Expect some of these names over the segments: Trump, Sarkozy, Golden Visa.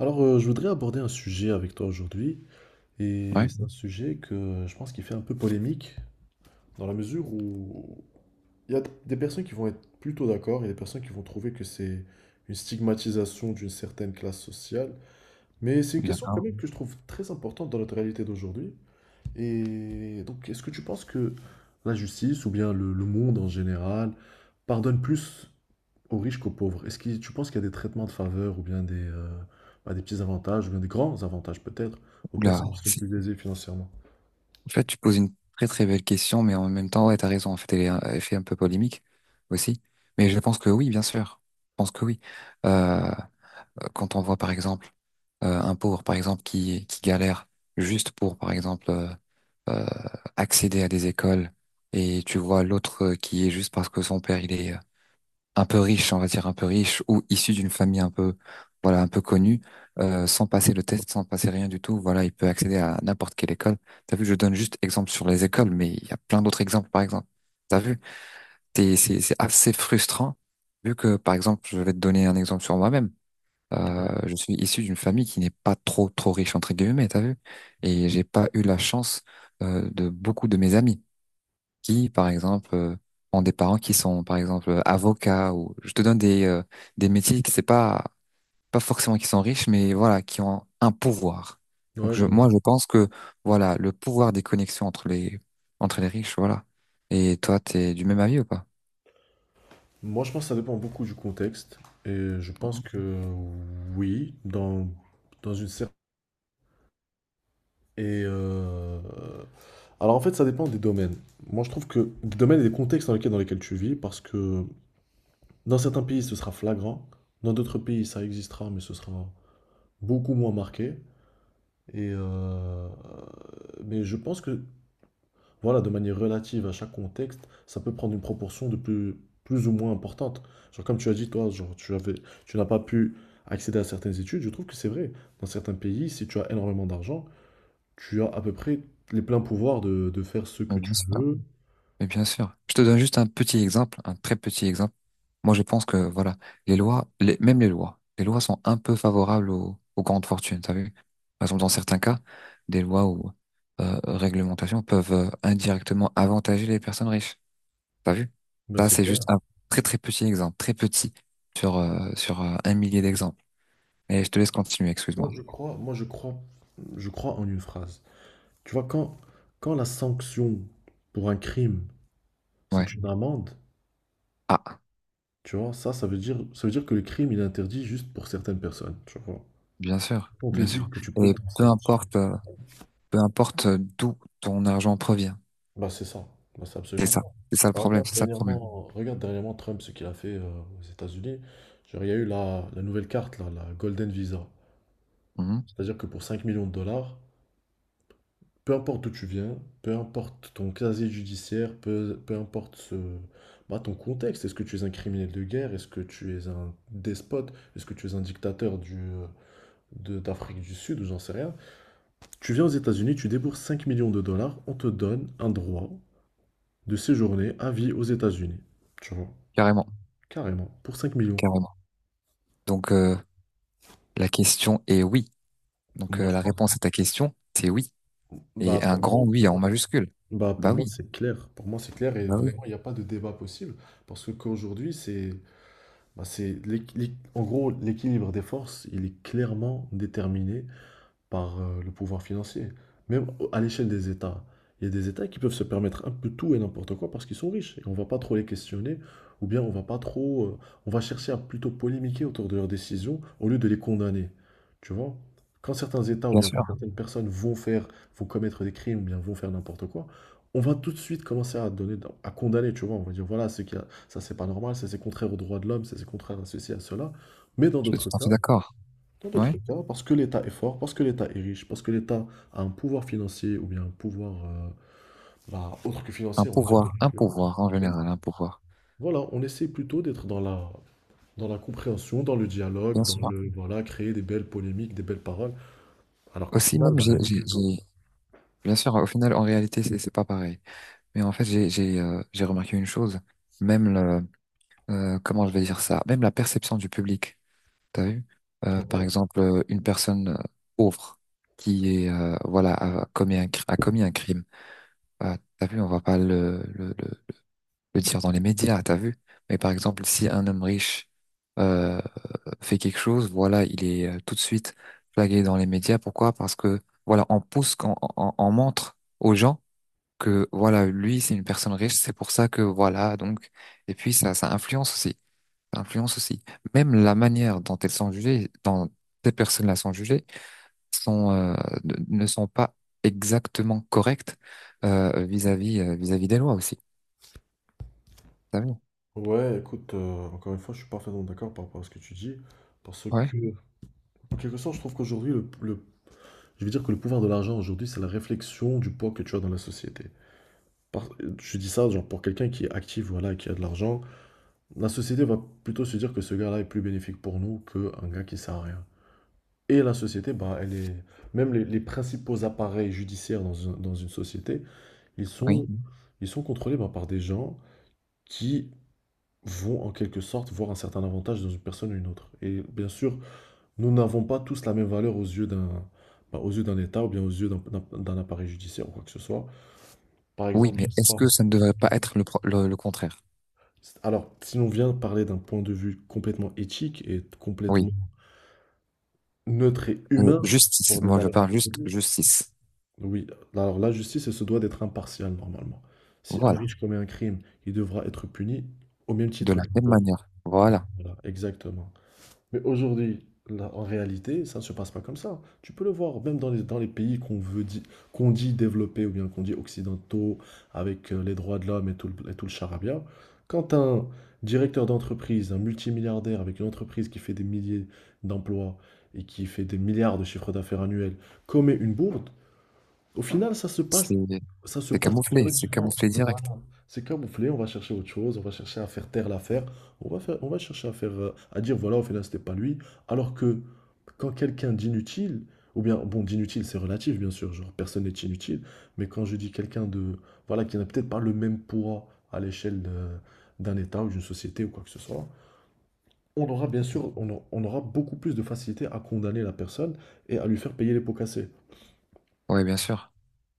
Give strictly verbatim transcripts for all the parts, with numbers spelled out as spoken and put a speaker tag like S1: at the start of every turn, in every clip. S1: Alors, euh, je voudrais aborder un sujet avec toi aujourd'hui, et
S2: Ouais,
S1: c'est un sujet que je pense qui fait un peu polémique, dans la mesure où il y a des personnes qui vont être plutôt d'accord, et des personnes qui vont trouver que c'est une stigmatisation d'une certaine classe sociale, mais c'est une question quand
S2: d'accord.
S1: même que je trouve très importante dans notre réalité d'aujourd'hui. Et donc, est-ce que tu penses que la justice, ou bien le, le monde en général, pardonne plus aux riches qu'aux pauvres? Est-ce que tu penses qu'il y a des traitements de faveur ou bien des, euh, bah, des petits avantages ou bien des grands avantages peut-être aux personnes
S2: Oula,
S1: qui sont
S2: c'est-
S1: plus aisées financièrement?
S2: en fait, tu poses une très très belle question, mais en même temps, ouais, t'as raison. En fait, elle est, elle fait un peu polémique aussi. Mais je pense que oui, bien sûr. Je pense que oui. Euh, Quand on voit, par exemple, euh, un pauvre, par exemple, qui, qui galère juste pour, par exemple, euh, euh, accéder à des écoles, et tu vois l'autre euh, qui est juste parce que son père, il est, euh, un peu riche, on va dire un peu riche, ou issu d'une famille un peu, voilà, un peu connue, euh, sans passer le test, sans passer rien du tout, voilà, il peut accéder à n'importe quelle école. T'as vu, je donne juste exemple sur les écoles, mais il y a plein d'autres exemples, par exemple. T'as vu, T'es- c'est, c'est assez frustrant, vu que, par exemple, je vais te donner un exemple sur moi-même. Euh,
S1: Ouais.
S2: je suis issu d'une famille qui n'est pas trop, trop riche, entre guillemets, t'as vu? Et j'ai pas eu la chance, euh, de beaucoup de mes amis qui, par exemple, euh, ont des parents qui sont, par exemple, avocats ou je te donne des, euh, des métiers qui c'est pas, pas forcément qui sont riches, mais voilà, qui ont un pouvoir. Donc,
S1: Ouais, je
S2: je,
S1: vois.
S2: moi, je pense que, voilà, le pouvoir des connexions entre les, entre les riches, voilà. Et toi, t'es du même avis ou pas?
S1: Moi, je pense que ça dépend beaucoup du contexte et je pense que oui, dans, dans une cer- Et euh, alors en fait, ça dépend des domaines. Moi, je trouve que des domaines et des contextes dans lesquels, dans lesquels tu vis, parce que dans certains pays, ce sera flagrant, dans d'autres pays, ça existera, mais ce sera beaucoup moins marqué. Et euh, mais je pense que, voilà, de manière relative à chaque contexte, ça peut prendre une proportion de plus, plus ou moins importante. Genre, comme tu as dit, toi, genre, tu avais, tu n'as pas pu accéder à certaines études. Je trouve que c'est vrai. Dans certains pays, si tu as énormément d'argent, tu as à peu près les pleins pouvoirs de, de faire ce
S2: Oui,
S1: que
S2: bien
S1: tu
S2: sûr.
S1: veux.
S2: Mais bien sûr, je te donne juste un petit exemple, un très petit exemple. Moi, je pense que voilà, les lois, les- même les lois, les lois sont un peu favorables aux, aux grandes fortunes. T'as vu? Par exemple, dans certains cas, des lois ou euh, réglementations peuvent euh, indirectement avantager les personnes riches. T'as vu?
S1: Ben,
S2: Ça,
S1: c'est
S2: c'est juste
S1: clair.
S2: un très très petit exemple, très petit sur euh, sur euh, un millier d'exemples. Et je te laisse continuer,
S1: Moi,
S2: excuse-moi.
S1: je crois, moi, je crois, je crois en une phrase. Tu vois, quand, quand la sanction pour un crime, c'est
S2: Ouais.
S1: une amende.
S2: Ah,
S1: Tu vois, ça, ça veut dire, ça veut dire que le crime, il est interdit juste pour certaines personnes, tu vois.
S2: bien sûr,
S1: On te
S2: bien
S1: dit
S2: sûr.
S1: que tu peux
S2: Et
S1: t'en
S2: peu
S1: sortir.
S2: importe, euh, peu importe d'où ton argent provient.
S1: Bah, c'est ça. Bah, c'est
S2: C'est
S1: absolument
S2: ça,
S1: ça.
S2: c'est ça le
S1: Bah,
S2: problème,
S1: regarde
S2: c'est ça le problème.
S1: dernièrement, regarde dernièrement Trump, ce qu'il a fait euh, aux États-Unis. Genre, il y a eu la, la nouvelle carte, là, la Golden Visa.
S2: Mhm.
S1: C'est-à-dire que pour cinq millions de dollars, peu importe d'où tu viens, peu importe ton casier judiciaire, peu, peu importe ce, bah, ton contexte, est-ce que tu es un criminel de guerre, est-ce que tu es un despote, est-ce que tu es un dictateur du, euh, de- d'Afrique du Sud, ou j'en sais rien. Tu viens aux États-Unis, tu débourses cinq millions de dollars, on te donne un droit de séjourner à vie aux États-Unis. Tu vois,
S2: Carrément,
S1: carrément, pour cinq millions.
S2: carrément. Donc euh, la question est oui. Donc
S1: Moi,
S2: euh,
S1: je
S2: la
S1: pense.
S2: réponse à ta question, c'est oui. Et
S1: Bah,
S2: un
S1: pour moi,
S2: grand oui
S1: pour
S2: en
S1: moi,
S2: majuscule.
S1: bah, pour
S2: Bah
S1: moi,
S2: oui,
S1: c'est clair. Pour moi, c'est clair et
S2: bah oui,
S1: vraiment, il n'y a pas de débat possible. Parce que qu'aujourd'hui, c'est, bah, c'est l'équ- l'équ- en gros, l'équilibre des forces, il est clairement déterminé par euh, le pouvoir financier. Même à l'échelle des États. Il y a des États qui peuvent se permettre un peu tout et n'importe quoi parce qu'ils sont riches. Et on ne va pas trop les questionner, ou bien on va pas trop. euh, On va chercher à plutôt polémiquer autour de leurs décisions au lieu de les condamner. Tu vois? Quand certains États ou
S2: bien
S1: bien quand
S2: sûr.
S1: certaines personnes vont faire, vont commettre des crimes ou bien vont faire n'importe quoi, on va tout de suite commencer à donner, à condamner, tu vois. On va dire voilà, c'est qu'il y a- ça c'est pas normal, ça c'est contraire aux droits de l'homme, ça c'est contraire à ceci, à cela. Mais dans
S2: Je suis
S1: d'autres
S2: tout à fait
S1: cas,
S2: d'accord.
S1: Dans
S2: Ouais.
S1: d'autres cas, parce que l'État est fort, parce que l'État est riche, parce que l'État a un pouvoir financier ou bien un pouvoir euh, bah, autre que
S2: Un
S1: financier, on va dire.
S2: pouvoir, un pouvoir en général, un pouvoir.
S1: Voilà, on essaie plutôt d'être dans la, dans la compréhension, dans le dialogue,
S2: Bien
S1: dans
S2: sûr.
S1: le, voilà, créer des belles polémiques, des belles paroles, alors qu'au
S2: Aussi
S1: final,
S2: même
S1: la
S2: j'ai,
S1: réalité
S2: j'ai,
S1: est autre.
S2: j'ai- bien sûr. Au final, en réalité, c'est c'est pas pareil. Mais en fait, j'ai, j'ai, euh, j'ai remarqué une chose. Même le, euh, comment je vais dire ça? Même la perception du public. T'as vu? Euh, par
S1: Ouais.
S2: exemple, euh, une personne euh, pauvre qui est euh, voilà a commis un, cr- a commis un crime. Euh, t'as vu? On va pas le, le, le, le dire dans les médias. T'as vu? Mais par exemple, si un homme riche euh, fait quelque chose, voilà, il est euh, tout de suite flagué dans les médias. Pourquoi? Parce que voilà, on pousse, on, on, on montre aux gens que voilà, lui, c'est une personne riche. C'est pour ça que voilà. Donc, et puis ça, ça influence aussi. Ça influence aussi. Même la manière dont elles sont jugées, dont ces personnes-là sont jugées, sont, euh, ne ne sont pas exactement correctes euh, vis-à-vis euh, vis-à-vis des lois aussi. Vous savez
S1: Ouais, écoute, euh, encore une fois, je suis parfaitement d'accord par rapport à ce que tu dis, parce
S2: ouais,
S1: que, en quelque sorte, je trouve qu'aujourd'hui, le, le- je vais dire que le pouvoir de l'argent, aujourd'hui, c'est la réflexion du poids que tu as dans la société. Par- je dis ça genre, pour quelqu'un qui est actif, voilà, qui a de l'argent. La société va plutôt se dire que ce gars-là est plus bénéfique pour nous qu'un gars qui sert à rien. Et la société, bah, elle est... Même les, les principaux appareils judiciaires dans une, dans une société, ils
S2: oui,
S1: sont, ils sont contrôlés bah, par des gens qui vont en quelque sorte voir un certain avantage dans une personne ou une autre. Et bien sûr, nous n'avons pas tous la même valeur aux yeux d'un bah, aux yeux d'un État ou bien aux yeux d'un d'un- d'un appareil judiciaire ou quoi que ce soit. Par
S2: oui.
S1: exemple, je
S2: Mais
S1: Oui. sais
S2: est-ce
S1: pas.
S2: que ça ne devrait pas être le, pro- le, le contraire?
S1: Alors, si l'on vient parler d'un point de vue complètement éthique et complètement
S2: Oui.
S1: neutre et
S2: Euh,
S1: humain pour
S2: justice.
S1: des
S2: Moi, je
S1: valeurs
S2: parle juste
S1: absolues.
S2: justice.
S1: Oui, alors la justice, elle se doit d'être impartiale normalement. Si un
S2: Voilà.
S1: riche commet un crime, il devra être puni au même
S2: De
S1: titre
S2: la
S1: qu'un
S2: même
S1: pauvre.
S2: manière. Voilà.
S1: Voilà, exactement. Mais aujourd'hui, là, en réalité, ça ne se passe pas comme ça. Tu peux le voir, même dans les, dans les pays qu'on veut di- qu'on dit développés ou bien qu'on dit occidentaux, avec euh, les droits de l'homme et tout le, et tout le charabia. Quand un directeur d'entreprise, un multimilliardaire avec une entreprise qui fait des milliers d'emplois et qui fait des milliards de chiffres d'affaires annuels, commet une bourde, au final, ça se
S2: C'est
S1: passe, ça se
S2: c'est
S1: passe
S2: camouflé. C'est
S1: relativement.
S2: camouflé
S1: Voilà.
S2: direct.
S1: C'est camouflé, on va chercher autre chose, on va chercher à faire taire l'affaire, on va faire, on va chercher à faire, euh, à dire voilà, au final, c'était pas lui. Alors que quand quelqu'un d'inutile, ou bien, bon, d'inutile, c'est relatif, bien sûr, genre personne n'est inutile, mais quand je dis quelqu'un de, voilà, qui n'a peut-être pas le même poids à l'échelle de- d'un État ou d'une société ou quoi que ce soit, on aura bien sûr, on, a- on aura beaucoup plus de facilité à condamner la personne et à lui faire payer les pots cassés.
S2: Oui, bien sûr.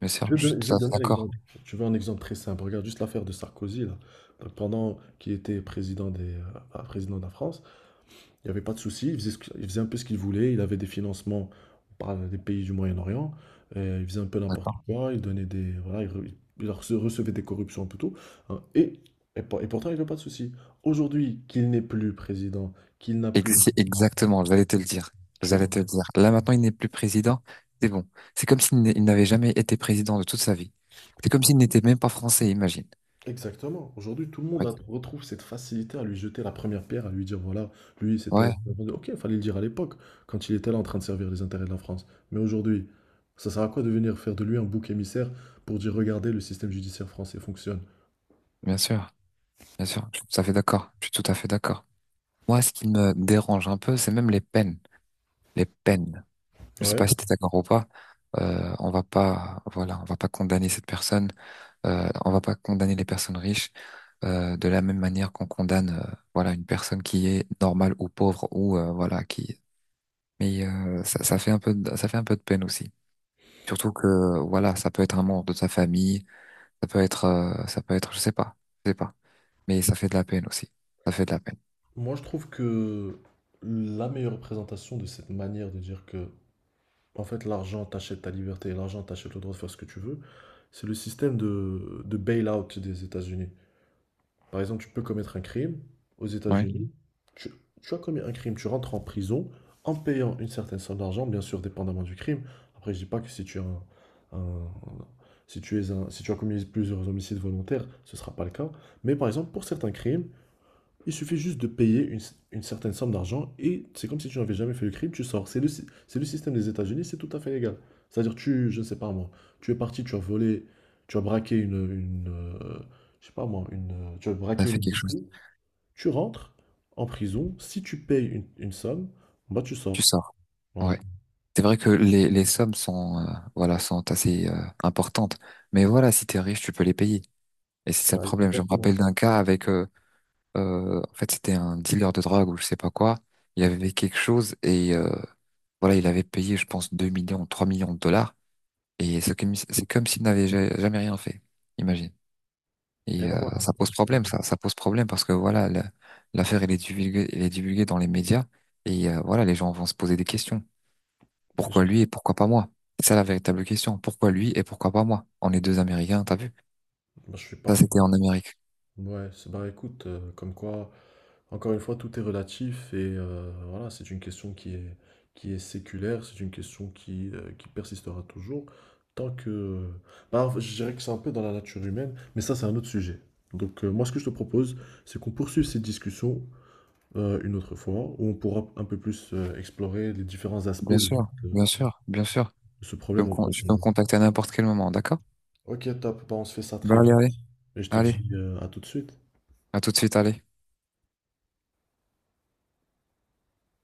S2: Bien sûr.
S1: Je vais te
S2: Je suis
S1: donner, je vais
S2: tout
S1: te
S2: à fait
S1: donner un
S2: d'accord.
S1: exemple. Tu veux un exemple très simple. Regarde juste l'affaire de Sarkozy, là. Donc, pendant qu'il était président des, euh, ah, président de la France, il n'y avait pas de souci. Il faisait, ce que- il faisait un peu ce qu'il voulait. Il avait des financements par des pays du Moyen-Orient. euh, Il faisait un peu n'importe quoi. Il donnait des, voilà, il, re- il rece- recevait des corruptions un peu tout. Hein, et, et, pour- et pourtant, il n'y avait pas de souci. Aujourd'hui, qu'il n'est plus président, qu'il n'a
S2: Ex-
S1: plus,
S2: c'est Exactement, j'allais te le dire.
S1: tu
S2: J'allais
S1: vois,
S2: te le dire. Là, maintenant, il n'est plus président. C'est bon. C'est comme s'il n'est- il n'avait jamais été président de toute sa vie. C'est comme s'il n'était même pas français, imagine.
S1: exactement. Aujourd'hui, tout le monde
S2: Ouais,
S1: a- retrouve cette facilité à lui jeter la première pierre, à lui dire, voilà, lui, c'était...
S2: ouais,
S1: Ok, il fallait le dire à l'époque, quand il était là en train de servir les intérêts de la France. Mais aujourd'hui, ça sert à quoi de venir faire de lui un bouc émissaire pour dire, regardez, le système judiciaire français fonctionne?
S2: bien sûr, bien sûr. Je suis tout à fait d'accord. Je suis tout à fait d'accord. Moi, ce qui me dérange un peu, c'est même les peines. Les peines. Je sais
S1: Ouais.
S2: pas si tu es d'accord ou pas. Euh, on va pas, voilà, on va pas condamner cette personne. Euh, on va pas condamner les personnes riches euh, de la même manière qu'on condamne, euh, voilà, une personne qui est normale ou pauvre ou euh, voilà, qui mais euh, ça, ça fait un peu de, ça fait un peu de peine aussi. Surtout que voilà, ça peut être un membre de ta famille, ça peut être euh, ça peut être je sais pas, je sais pas. Mais ça fait de la peine aussi. Ça fait de la peine.
S1: Moi, je trouve que la meilleure représentation de cette manière de dire que, en fait, l'argent t'achète ta liberté, l'argent t'achète le droit de faire ce que tu veux, c'est le système de, de bail-out des États-Unis. Par exemple, tu peux commettre un crime aux
S2: Ouais.
S1: États-Unis. Tu, Tu as commis un crime, tu rentres en prison en payant une certaine somme d'argent, bien sûr, dépendamment du crime. Après, je dis pas que si tu as un, un- si tu es un, si tu as commis plusieurs homicides volontaires, ce sera pas le cas. Mais par exemple, pour certains crimes, il suffit juste de payer une, une certaine somme d'argent et c'est comme si tu n'avais jamais fait le crime, tu sors. C'est le, c'est le système des États-Unis, c'est tout à fait légal. C'est-à-dire, tu, je ne sais pas moi, tu es parti, tu as volé, tu as braqué une, une, euh, je sais pas moi, une, euh, tu as
S2: Ça
S1: braqué une
S2: fait quelque chose.
S1: épicerie, tu rentres en prison, si tu payes une, une somme, bah tu
S2: Tu
S1: sors.
S2: sors.
S1: Ouais.
S2: Ouais. C'est vrai que les, les sommes sont euh, voilà, sont assez euh, importantes. Mais voilà, si t'es riche, tu peux les payer. Et c'est ça le
S1: Bah,
S2: problème. Je me
S1: exactement.
S2: rappelle d'un cas avec euh, euh, en fait, c'était un dealer de drogue ou je sais pas quoi. Il avait quelque chose et euh, voilà, il avait payé je pense deux millions, trois millions de dollars. Et c'est comme, c'est comme s'il n'avait ja- jamais rien fait, imagine.
S1: Et
S2: Et
S1: bah
S2: euh,
S1: voilà,
S2: ça pose
S1: parce que
S2: problème, ça, ça pose problème parce que voilà, la- l'affaire elle est divulguée, elle est divulguée dans les médias et euh, voilà, les gens vont se poser des questions.
S1: je,
S2: Pourquoi lui et pourquoi pas moi? C'est ça la véritable question. Pourquoi lui et pourquoi pas moi? On est deux Américains, t'as vu?
S1: moi, je suis pas.
S2: Ça, c'était en Amérique.
S1: Ouais, c'est- bah écoute, euh, comme quoi, encore une fois, tout est relatif et euh, voilà, c'est une question qui est, qui est séculaire, c'est une question qui, euh, qui persistera toujours tant que... Bah, en fait, je dirais que c'est un peu dans la nature humaine, mais ça, c'est un autre sujet. Donc, euh, moi, ce que je te propose, c'est qu'on poursuive cette discussion euh, une autre fois, où on pourra un peu plus euh, explorer les différents aspects
S2: Bien
S1: de,
S2: sûr, bien
S1: de-
S2: sûr, bien sûr. Tu
S1: de ce
S2: peux me,
S1: problème en
S2: con- tu peux me
S1: profondeur.
S2: contacter à n'importe quel moment, d'accord?
S1: Ok, top, bah, on se fait ça
S2: Bah
S1: très
S2: allez,
S1: vite
S2: allez,
S1: et je te
S2: allez.
S1: dis euh, à tout de suite.
S2: À tout de suite, allez.